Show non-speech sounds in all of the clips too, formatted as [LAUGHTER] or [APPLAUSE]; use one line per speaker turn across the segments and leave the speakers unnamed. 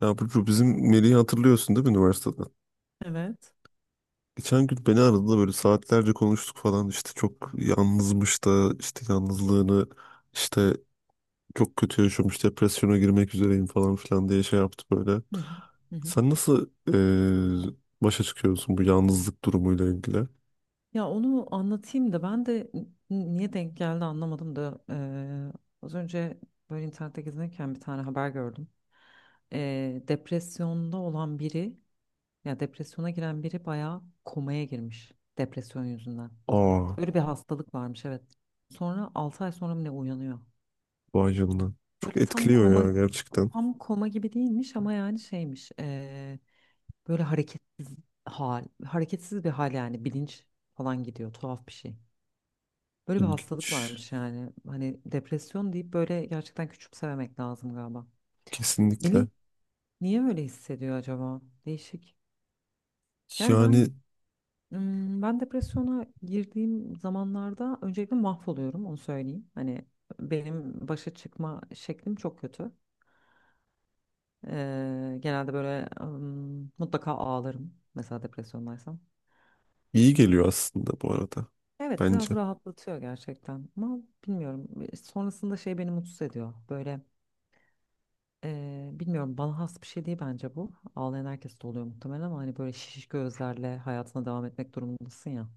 Ya Burcu bizim Melih'i hatırlıyorsun değil mi üniversiteden?
Evet.
Geçen gün beni aradı da böyle saatlerce konuştuk falan işte çok yalnızmış da işte yalnızlığını işte çok kötü yaşamış depresyona girmek üzereyim falan filan diye şey yaptı böyle.
Hı hı. Hı hı.
Sen nasıl eee, başa çıkıyorsun bu yalnızlık durumuyla ilgili?
Ya onu anlatayım da ben de niye denk geldi anlamadım da az önce böyle internette gezinirken bir tane haber gördüm. Depresyonda olan biri ya depresyona giren biri bayağı komaya girmiş depresyon yüzünden.
Aa,
Böyle bir hastalık varmış, evet. Sonra 6 ay sonra mı ne uyanıyor.
vay canına. Çok
Böyle tam
etkiliyor
koma
ya gerçekten.
tam koma gibi değilmiş ama yani şeymiş. Böyle hareketsiz hareketsiz bir hal, yani bilinç falan gidiyor, tuhaf bir şey. Böyle bir hastalık
İlginç.
varmış yani. Hani depresyon deyip böyle gerçekten küçümsememek lazım galiba.
Kesinlikle.
Melih niye böyle hissediyor acaba? Değişik. Yani
Yani
ben depresyona girdiğim zamanlarda öncelikle mahvoluyorum, onu söyleyeyim. Hani benim başa çıkma şeklim çok kötü. Genelde böyle mutlaka ağlarım mesela depresyondaysam.
iyi geliyor aslında bu arada.
Evet, biraz
Bence.
rahatlatıyor gerçekten ama bilmiyorum, sonrasında şey beni mutsuz ediyor böyle, bilmiyorum, bana has bir şey değil bence bu, ağlayan herkes de oluyor muhtemelen ama hani böyle şiş gözlerle hayatına devam etmek durumundasın ya,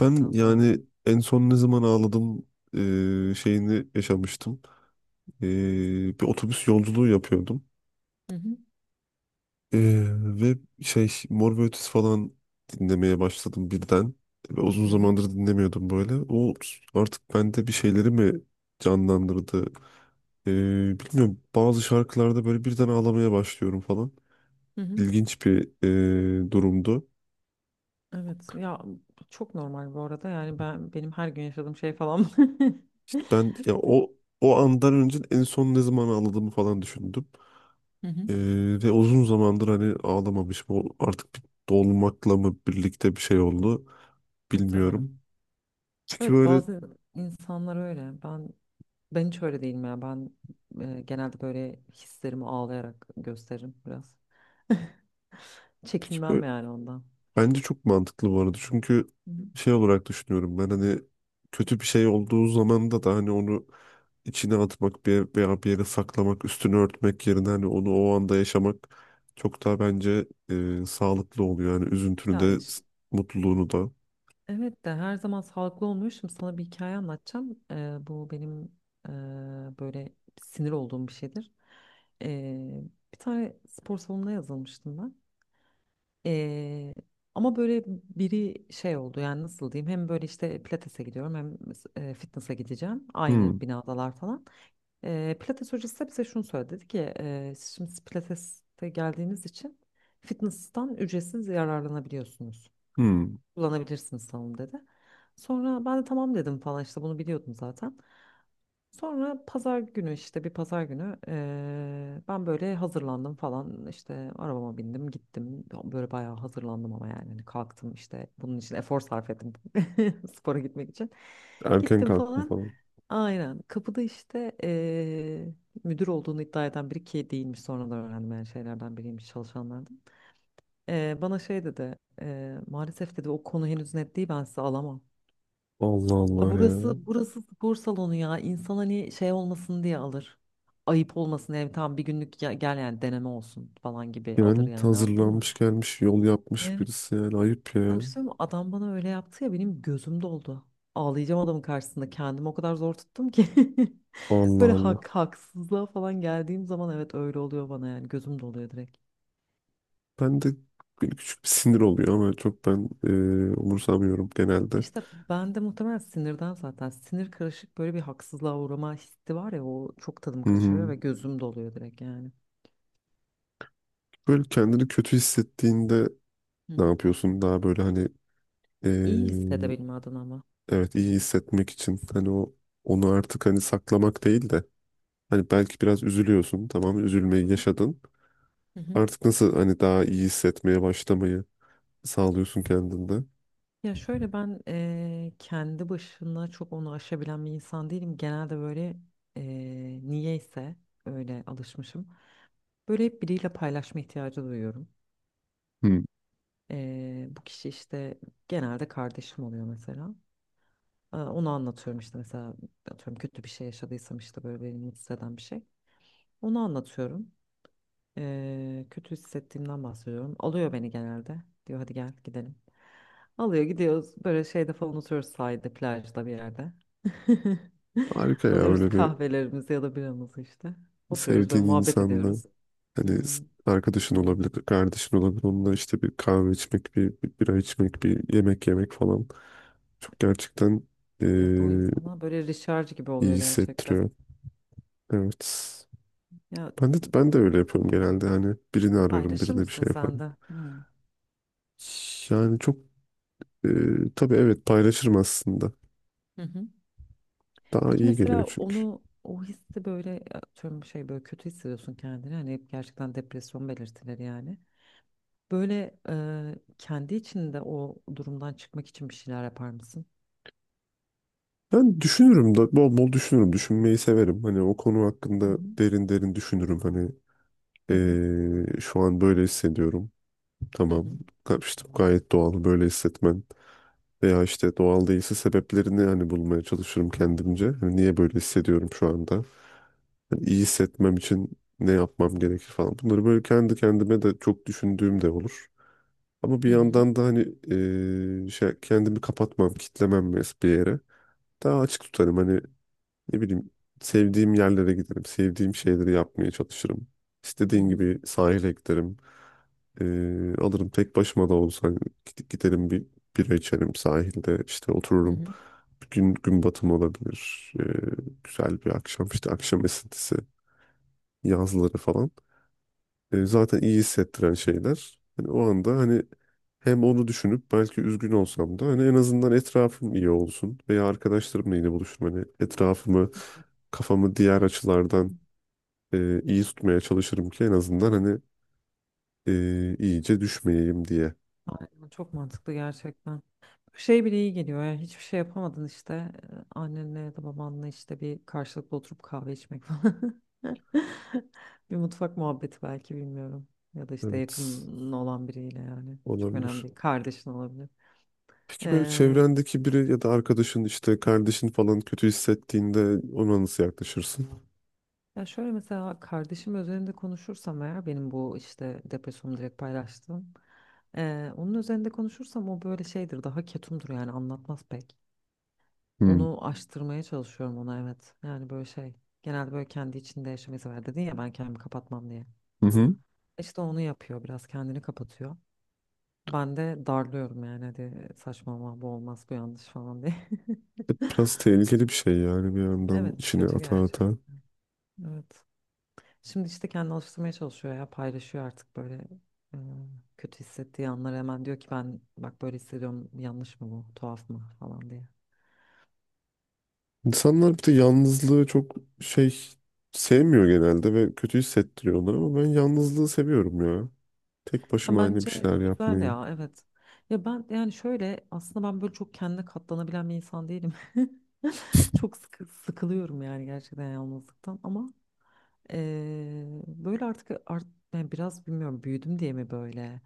Ben
sonra.
yani en son ne zaman ağladım şeyini yaşamıştım. Bir otobüs yolculuğu yapıyordum.
Hı hı,
E, ve şey Mor ve Ötesi falan dinlemeye başladım birden. Ve uzun
hı hı,
zamandır dinlemiyordum böyle. O artık bende bir şeyleri mi canlandırdı? E, Bilmiyorum, bazı şarkılarda böyle birden ağlamaya başlıyorum falan.
hı hı.
İlginç bir durumdu.
Evet ya, çok normal bu arada yani benim her gün yaşadığım şey falan. [LAUGHS]
İşte ben ya o andan önce en son ne zaman ağladığımı falan düşündüm.
Hı hı.
Ee, Ve uzun zamandır hani ağlamamışım. O artık bir dolmakla mı birlikte bir şey oldu
Muhtemelen.
bilmiyorum. Peki
Evet,
böyle,
bazı insanlar öyle. ben hiç öyle değilim ya. Ben, genelde böyle hislerimi ağlayarak gösteririm biraz. [LAUGHS]
peki
Çekinmem
böyle
yani ondan.
bence çok mantıklı bu arada. Çünkü
Hı.
şey olarak düşünüyorum, ben hani kötü bir şey olduğu zaman da hani onu içine atmak bir, veya bir yere saklamak, üstünü örtmek yerine hani onu o anda yaşamak çok daha bence sağlıklı oluyor. Yani üzüntünü
Ya
de s-
işte,
mutluluğunu da.
evet de her zaman sağlıklı olmuyor. Şimdi sana bir hikaye anlatacağım. Bu benim, e, böyle sinir olduğum bir şeydir. Ee, Bir tane spor salonuna yazılmıştım ben. Ee, Ama böyle biri şey oldu yani, nasıl diyeyim, hem böyle işte pilatese gidiyorum hem, fitness'a gideceğim, aynı
Hmm,
binadalar falan. Pilates hocası da bize şunu söyledi, dedi ki: Siz şimdi pilates'te geldiğiniz için fitness'tan ücretsiz yararlanabiliyorsunuz,
hmm.
kullanabilirsiniz salonu," dedi. Sonra ben de tamam dedim falan işte, bunu biliyordum zaten. Sonra pazar günü işte, bir pazar günü, ben böyle hazırlandım falan işte, arabama bindim gittim, böyle bayağı hazırlandım ama yani hani kalktım işte, bunun için efor sarf ettim [LAUGHS] spora gitmek için,
Erken
gittim
kalktım
falan,
falan.
aynen, kapıda işte müdür olduğunu iddia eden biri, ki değilmiş sonradan öğrendim, yani şeylerden biriymiş, çalışanlardan. Bana şey dedi, "Maalesef," dedi, "o konu henüz net değil, ben sizi alamam."
Allah Allah
Ya,
ya.
burası spor salonu ya. İnsan hani şey olmasın diye alır. Ayıp olmasın yani, tam bir günlük, gel yani, deneme olsun falan gibi alır
Yani
yani, anladın mı?
hazırlanmış gelmiş yol yapmış
Evet.
birisi yani ayıp ya.
Sana bir şey söyleyeyim mi? Adam bana öyle yaptı ya, benim gözüm doldu. Ağlayacağım adamın karşısında. Kendimi o kadar zor tuttum ki. [LAUGHS]
Allah
Böyle
Allah.
haksızlığa falan geldiğim zaman evet öyle oluyor bana, yani gözüm doluyor direkt.
Ben de böyle küçük bir sinir oluyor ama çok ben umursamıyorum genelde.
İşte ben de muhtemelen sinirden, zaten sinir karışık böyle bir haksızlığa uğrama hissi var ya, o çok tadım
Hı
kaçırıyor
hı.
ve gözüm doluyor direkt yani.
Böyle kendini kötü hissettiğinde
Hı
ne
hı.
yapıyorsun? Daha böyle hani e,
İyi hissedebilme adına ama.
evet iyi hissetmek için hani onu artık hani saklamak değil de hani belki biraz üzülüyorsun, tamam, üzülmeyi yaşadın.
Hı hı.
Artık nasıl hani daha iyi hissetmeye başlamayı sağlıyorsun kendinde?
Ya şöyle, ben kendi başına çok onu aşabilen bir insan değilim. Genelde böyle niyeyse öyle alışmışım. Böyle hep biriyle paylaşma ihtiyacı duyuyorum.
Hı.
Bu kişi işte genelde kardeşim oluyor mesela. Aa, onu anlatıyorum işte, mesela atıyorum kötü bir şey yaşadıysam işte, böyle beni mutsuz eden bir şey. Onu anlatıyorum. Kötü hissettiğimden bahsediyorum. Alıyor beni genelde. Diyor hadi gel gidelim. Alıyor, gidiyoruz. Böyle şeyde falan oturuyoruz, sahilde, plajda bir yerde. [LAUGHS]
Harika ya,
Alıyoruz
öyle bir
kahvelerimizi ya da biramızı işte. Oturuyoruz, böyle
sevdiğin
muhabbet
insanla
ediyoruz.
hani s-
Hmm.
arkadaşın olabilir, kardeşin olabilir. Onunla işte bir kahve içmek, bir, bir bira içmek, bir yemek yemek falan. Çok gerçekten
Evet, o
eee,
insana böyle recharge gibi
iyi
oluyor gerçekten.
hissettiriyor. Evet.
Ya
Ben de öyle yapıyorum genelde. Hani birini ararım,
paylaşır
birine bir
mısın
şey
sen
yaparım.
de? Hmm.
Yani çok tabii, evet, paylaşırım aslında.
Hı hı.
Daha
Peki
iyi geliyor
mesela
çünkü.
onu, o hissi, böyle atıyorum şey, böyle kötü hissediyorsun kendini, hani hep gerçekten depresyon belirtileri yani. Böyle kendi içinde o durumdan çıkmak için bir şeyler yapar mısın?
Ben düşünürüm da bol bol düşünürüm. Düşünmeyi severim. Hani o konu
Hı
hakkında derin derin düşünürüm. Hani
hı, hı
şu an böyle hissediyorum.
hı,
Tamam. Ga- işte bu gayet doğal böyle hissetmen. Veya işte doğal değilse sebeplerini hani bulmaya çalışırım kendimce. Hani niye böyle hissediyorum şu anda? Yani iyi hissetmem için ne yapmam gerekir falan. Bunları böyle kendi kendime de çok düşündüğüm de olur. Ama bir
hı hı,
yandan da hani şey, kendimi kapatmam, kitlemem mes- bir yere. Daha açık tutarım hani ne bileyim, sevdiğim yerlere giderim, sevdiğim şeyleri yapmaya çalışırım.
hı
İstediğin
hı,
gibi sahile giderim. Alırım tek başıma da olsa hani gid- giderim bir bira içerim sahilde işte
hı
otururum.
hı.
Bir gün gün batımı olabilir. Güzel bir akşam işte akşam esintisi yazları falan. Zaten iyi hissettiren şeyler. Hani o anda hani hem onu düşünüp belki üzgün olsam da hani en azından etrafım iyi olsun veya arkadaşlarımla yine buluşurum. Hani etrafımı, kafamı diğer açılardan iyi tutmaya çalışırım ki en azından hani iyice düşmeyeyim diye.
Aynen, çok mantıklı gerçekten. Şey bile iyi geliyor ya, hiçbir şey yapamadın işte, annenle ya da babanla işte bir karşılıklı oturup kahve içmek falan. [LAUGHS] Bir mutfak muhabbeti belki, bilmiyorum. Ya da işte
Evet,
yakın olan biriyle yani. Çok önemli
olabilir.
değil. Kardeşin olabilir.
Peki böyle çevrendeki biri ya da arkadaşın işte kardeşin falan kötü hissettiğinde ona nasıl yaklaşırsın?
Ya şöyle, mesela kardeşim üzerinde konuşursam eğer, benim bu işte depresyonumu direkt paylaştım. Onun üzerinde konuşursam o böyle şeydir, daha ketumdur yani, anlatmaz pek.
Hmm.
Onu aştırmaya çalışıyorum ona, evet. Yani böyle şey, genelde böyle kendi içinde yaşamayı sever, dedin ya ben kendimi kapatmam diye.
Hı hı.
İşte onu yapıyor, biraz kendini kapatıyor. Ben de darlıyorum yani, hadi saçmalama, bu olmaz, bu yanlış falan diye.
Biraz
[LAUGHS]
tehlikeli bir şey yani, bir yandan
Evet,
içine
kötü
ata
gerçek.
ata.
Evet. Şimdi işte kendini alıştırmaya çalışıyor ya, paylaşıyor artık böyle, kötü hissettiği anları hemen, diyor ki: "Ben bak böyle hissediyorum, yanlış mı bu, tuhaf mı," falan diye.
İnsanlar bir de yalnızlığı çok şey sevmiyor genelde ve kötü hissettiriyor onları, ama ben yalnızlığı seviyorum ya. Tek
Ya
başıma hani bir
bence
şeyler
güzel
yapmayı.
ya, evet. Ya ben yani şöyle, aslında ben böyle çok kendine katlanabilen bir insan değilim. [LAUGHS] Çok sıkılıyorum yani gerçekten yalnızlıktan ama böyle artık, yani biraz bilmiyorum, büyüdüm diye mi böyle.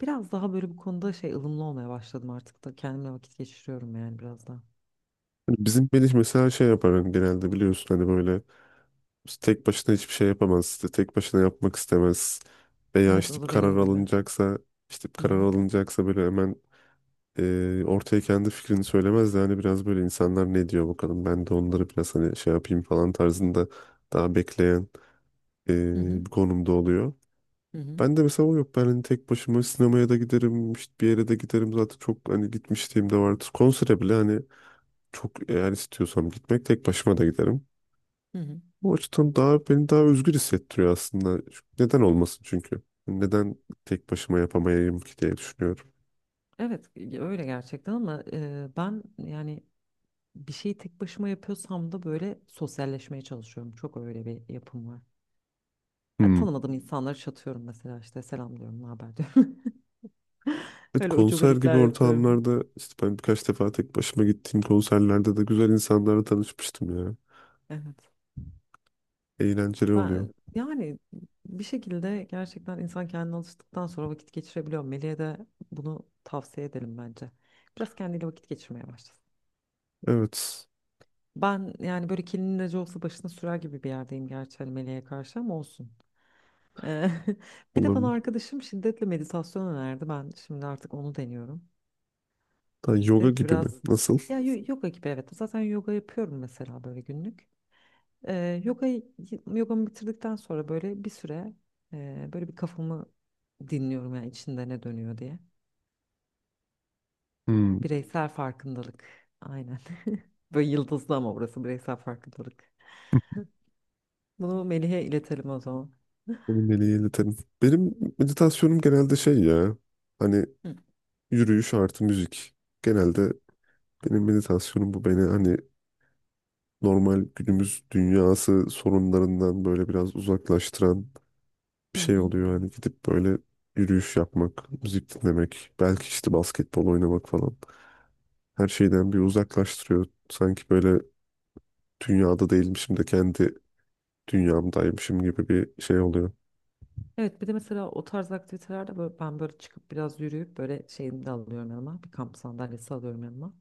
Biraz daha böyle bu konuda şey, ılımlı olmaya başladım artık da kendimle vakit geçiriyorum yani biraz daha.
Hani bizim Melih mesela şey yapar hani genelde biliyorsun hani böyle İşte tek başına hiçbir şey yapamaz. İşte tek başına yapmak istemez. Veya
Evet,
işte
o
bir
da
karar
benim gibi.
alınacaksa işte bir
Hı
karar
hı,
alınacaksa böyle hemen ortaya kendi fikrini söylemez de hani biraz böyle insanlar ne diyor bakalım ben de onları biraz hani şey yapayım falan tarzında daha bekleyen
hı hı,
bir konumda oluyor.
hı hı,
Ben de mesela o yok. Ben hani tek başıma sinemaya da giderim, işte bir yere de giderim. Zaten çok hani gitmişliğim de vardır. Konsere bile hani çok eğer istiyorsam gitmek tek başıma da giderim.
hı hı.
Bu açıdan daha beni daha özgür hissettiriyor aslında. Neden olmasın çünkü? Hani neden tek başıma yapamayayım ki diye düşünüyorum.
Evet, öyle gerçekten ama, ben yani bir şeyi tek başıma yapıyorsam da böyle sosyalleşmeye çalışıyorum. Çok öyle bir yapım var. Yani
Hmm.
tanımadığım insanları çatıyorum mesela, işte selam diyorum, ne haber diyorum. [LAUGHS]
Evet,
Öyle
konser gibi
ucubelikler yapıyorum.
ortamlarda işte ben birkaç defa tek başıma gittiğim konserlerde de güzel insanlarla tanışmıştım ya.
Evet.
Eğlenceli oluyor.
Ben yani bir şekilde gerçekten insan kendine alıştıktan sonra vakit geçirebiliyor. Melih'e de bunu tavsiye edelim bence. Biraz kendiyle vakit geçirmeye başlasın.
Evet,
Ben yani böyle kelinin acı olsa başına sürer gibi bir yerdeyim gerçi, hani meleğe karşı, ama olsun. Eee, [LAUGHS] Bir de bana
olabilir.
arkadaşım şiddetle meditasyon önerdi. Ben şimdi artık onu deniyorum.
Ha, yoga
Dedi ki
gibi mi?
biraz,
Nasıl?
ya yoga gibi, evet. Zaten yoga yapıyorum mesela, böyle günlük. Eee yogayı, yogamı bitirdikten sonra böyle bir süre böyle bir, kafamı dinliyorum yani, içinde ne dönüyor diye.
Hmm.
Bireysel farkındalık. Aynen. [LAUGHS] Böyle yıldızlı ama, burası bireysel farkındalık. Bunu Melih'e iletelim o zaman.
Onu
[LAUGHS]
Melih'e iletelim. Benim meditasyonum genelde şey ya. Hani yürüyüş artı müzik. Genelde benim meditasyonum bu, beni hani normal günümüz dünyası sorunlarından böyle biraz uzaklaştıran bir
Hı
şey
hı.
oluyor. Hani gidip böyle yürüyüş yapmak, müzik dinlemek, belki işte basketbol oynamak falan. Her şeyden bir uzaklaştırıyor. Sanki böyle dünyada değilmişim de kendi dünyamdaymışım gibi bir şey oluyor.
Evet bir de mesela o tarz aktivitelerde böyle, ben böyle çıkıp biraz yürüyüp böyle şeyimi de alıyorum yanıma. Bir kamp sandalyesi alıyorum yanıma.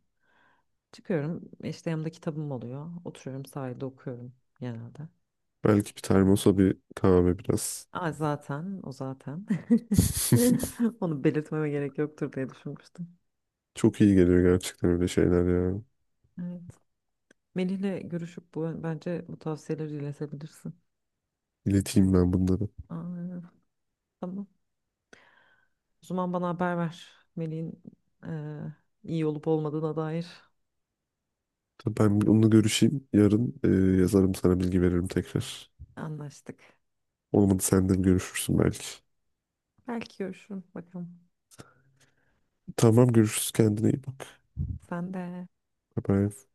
Çıkıyorum işte, yanımda kitabım oluyor. Oturuyorum sahilde, okuyorum genelde.
Belki bir termosa bir kahve biraz.
Aa, zaten o zaten.
[LAUGHS]
[LAUGHS] Onu belirtmeme gerek yoktur diye düşünmüştüm.
Çok iyi geliyor gerçekten öyle şeyler ya.
Evet. Melih'le görüşüp bence bu tavsiyeleri iletebilirsin.
İleteyim ben bunları.
Aa, tamam. O zaman bana haber ver. Melih'in eee, iyi olup olmadığına dair.
Tabii, ben bir onunla görüşeyim. Yarın yazarım sana, bilgi veririm tekrar.
Anlaştık.
Olmadı sen de görüşürsün belki.
Belki görüşürüm bakalım.
Tamam, görüşürüz, kendine iyi bak.
Sen de.
Bye bye.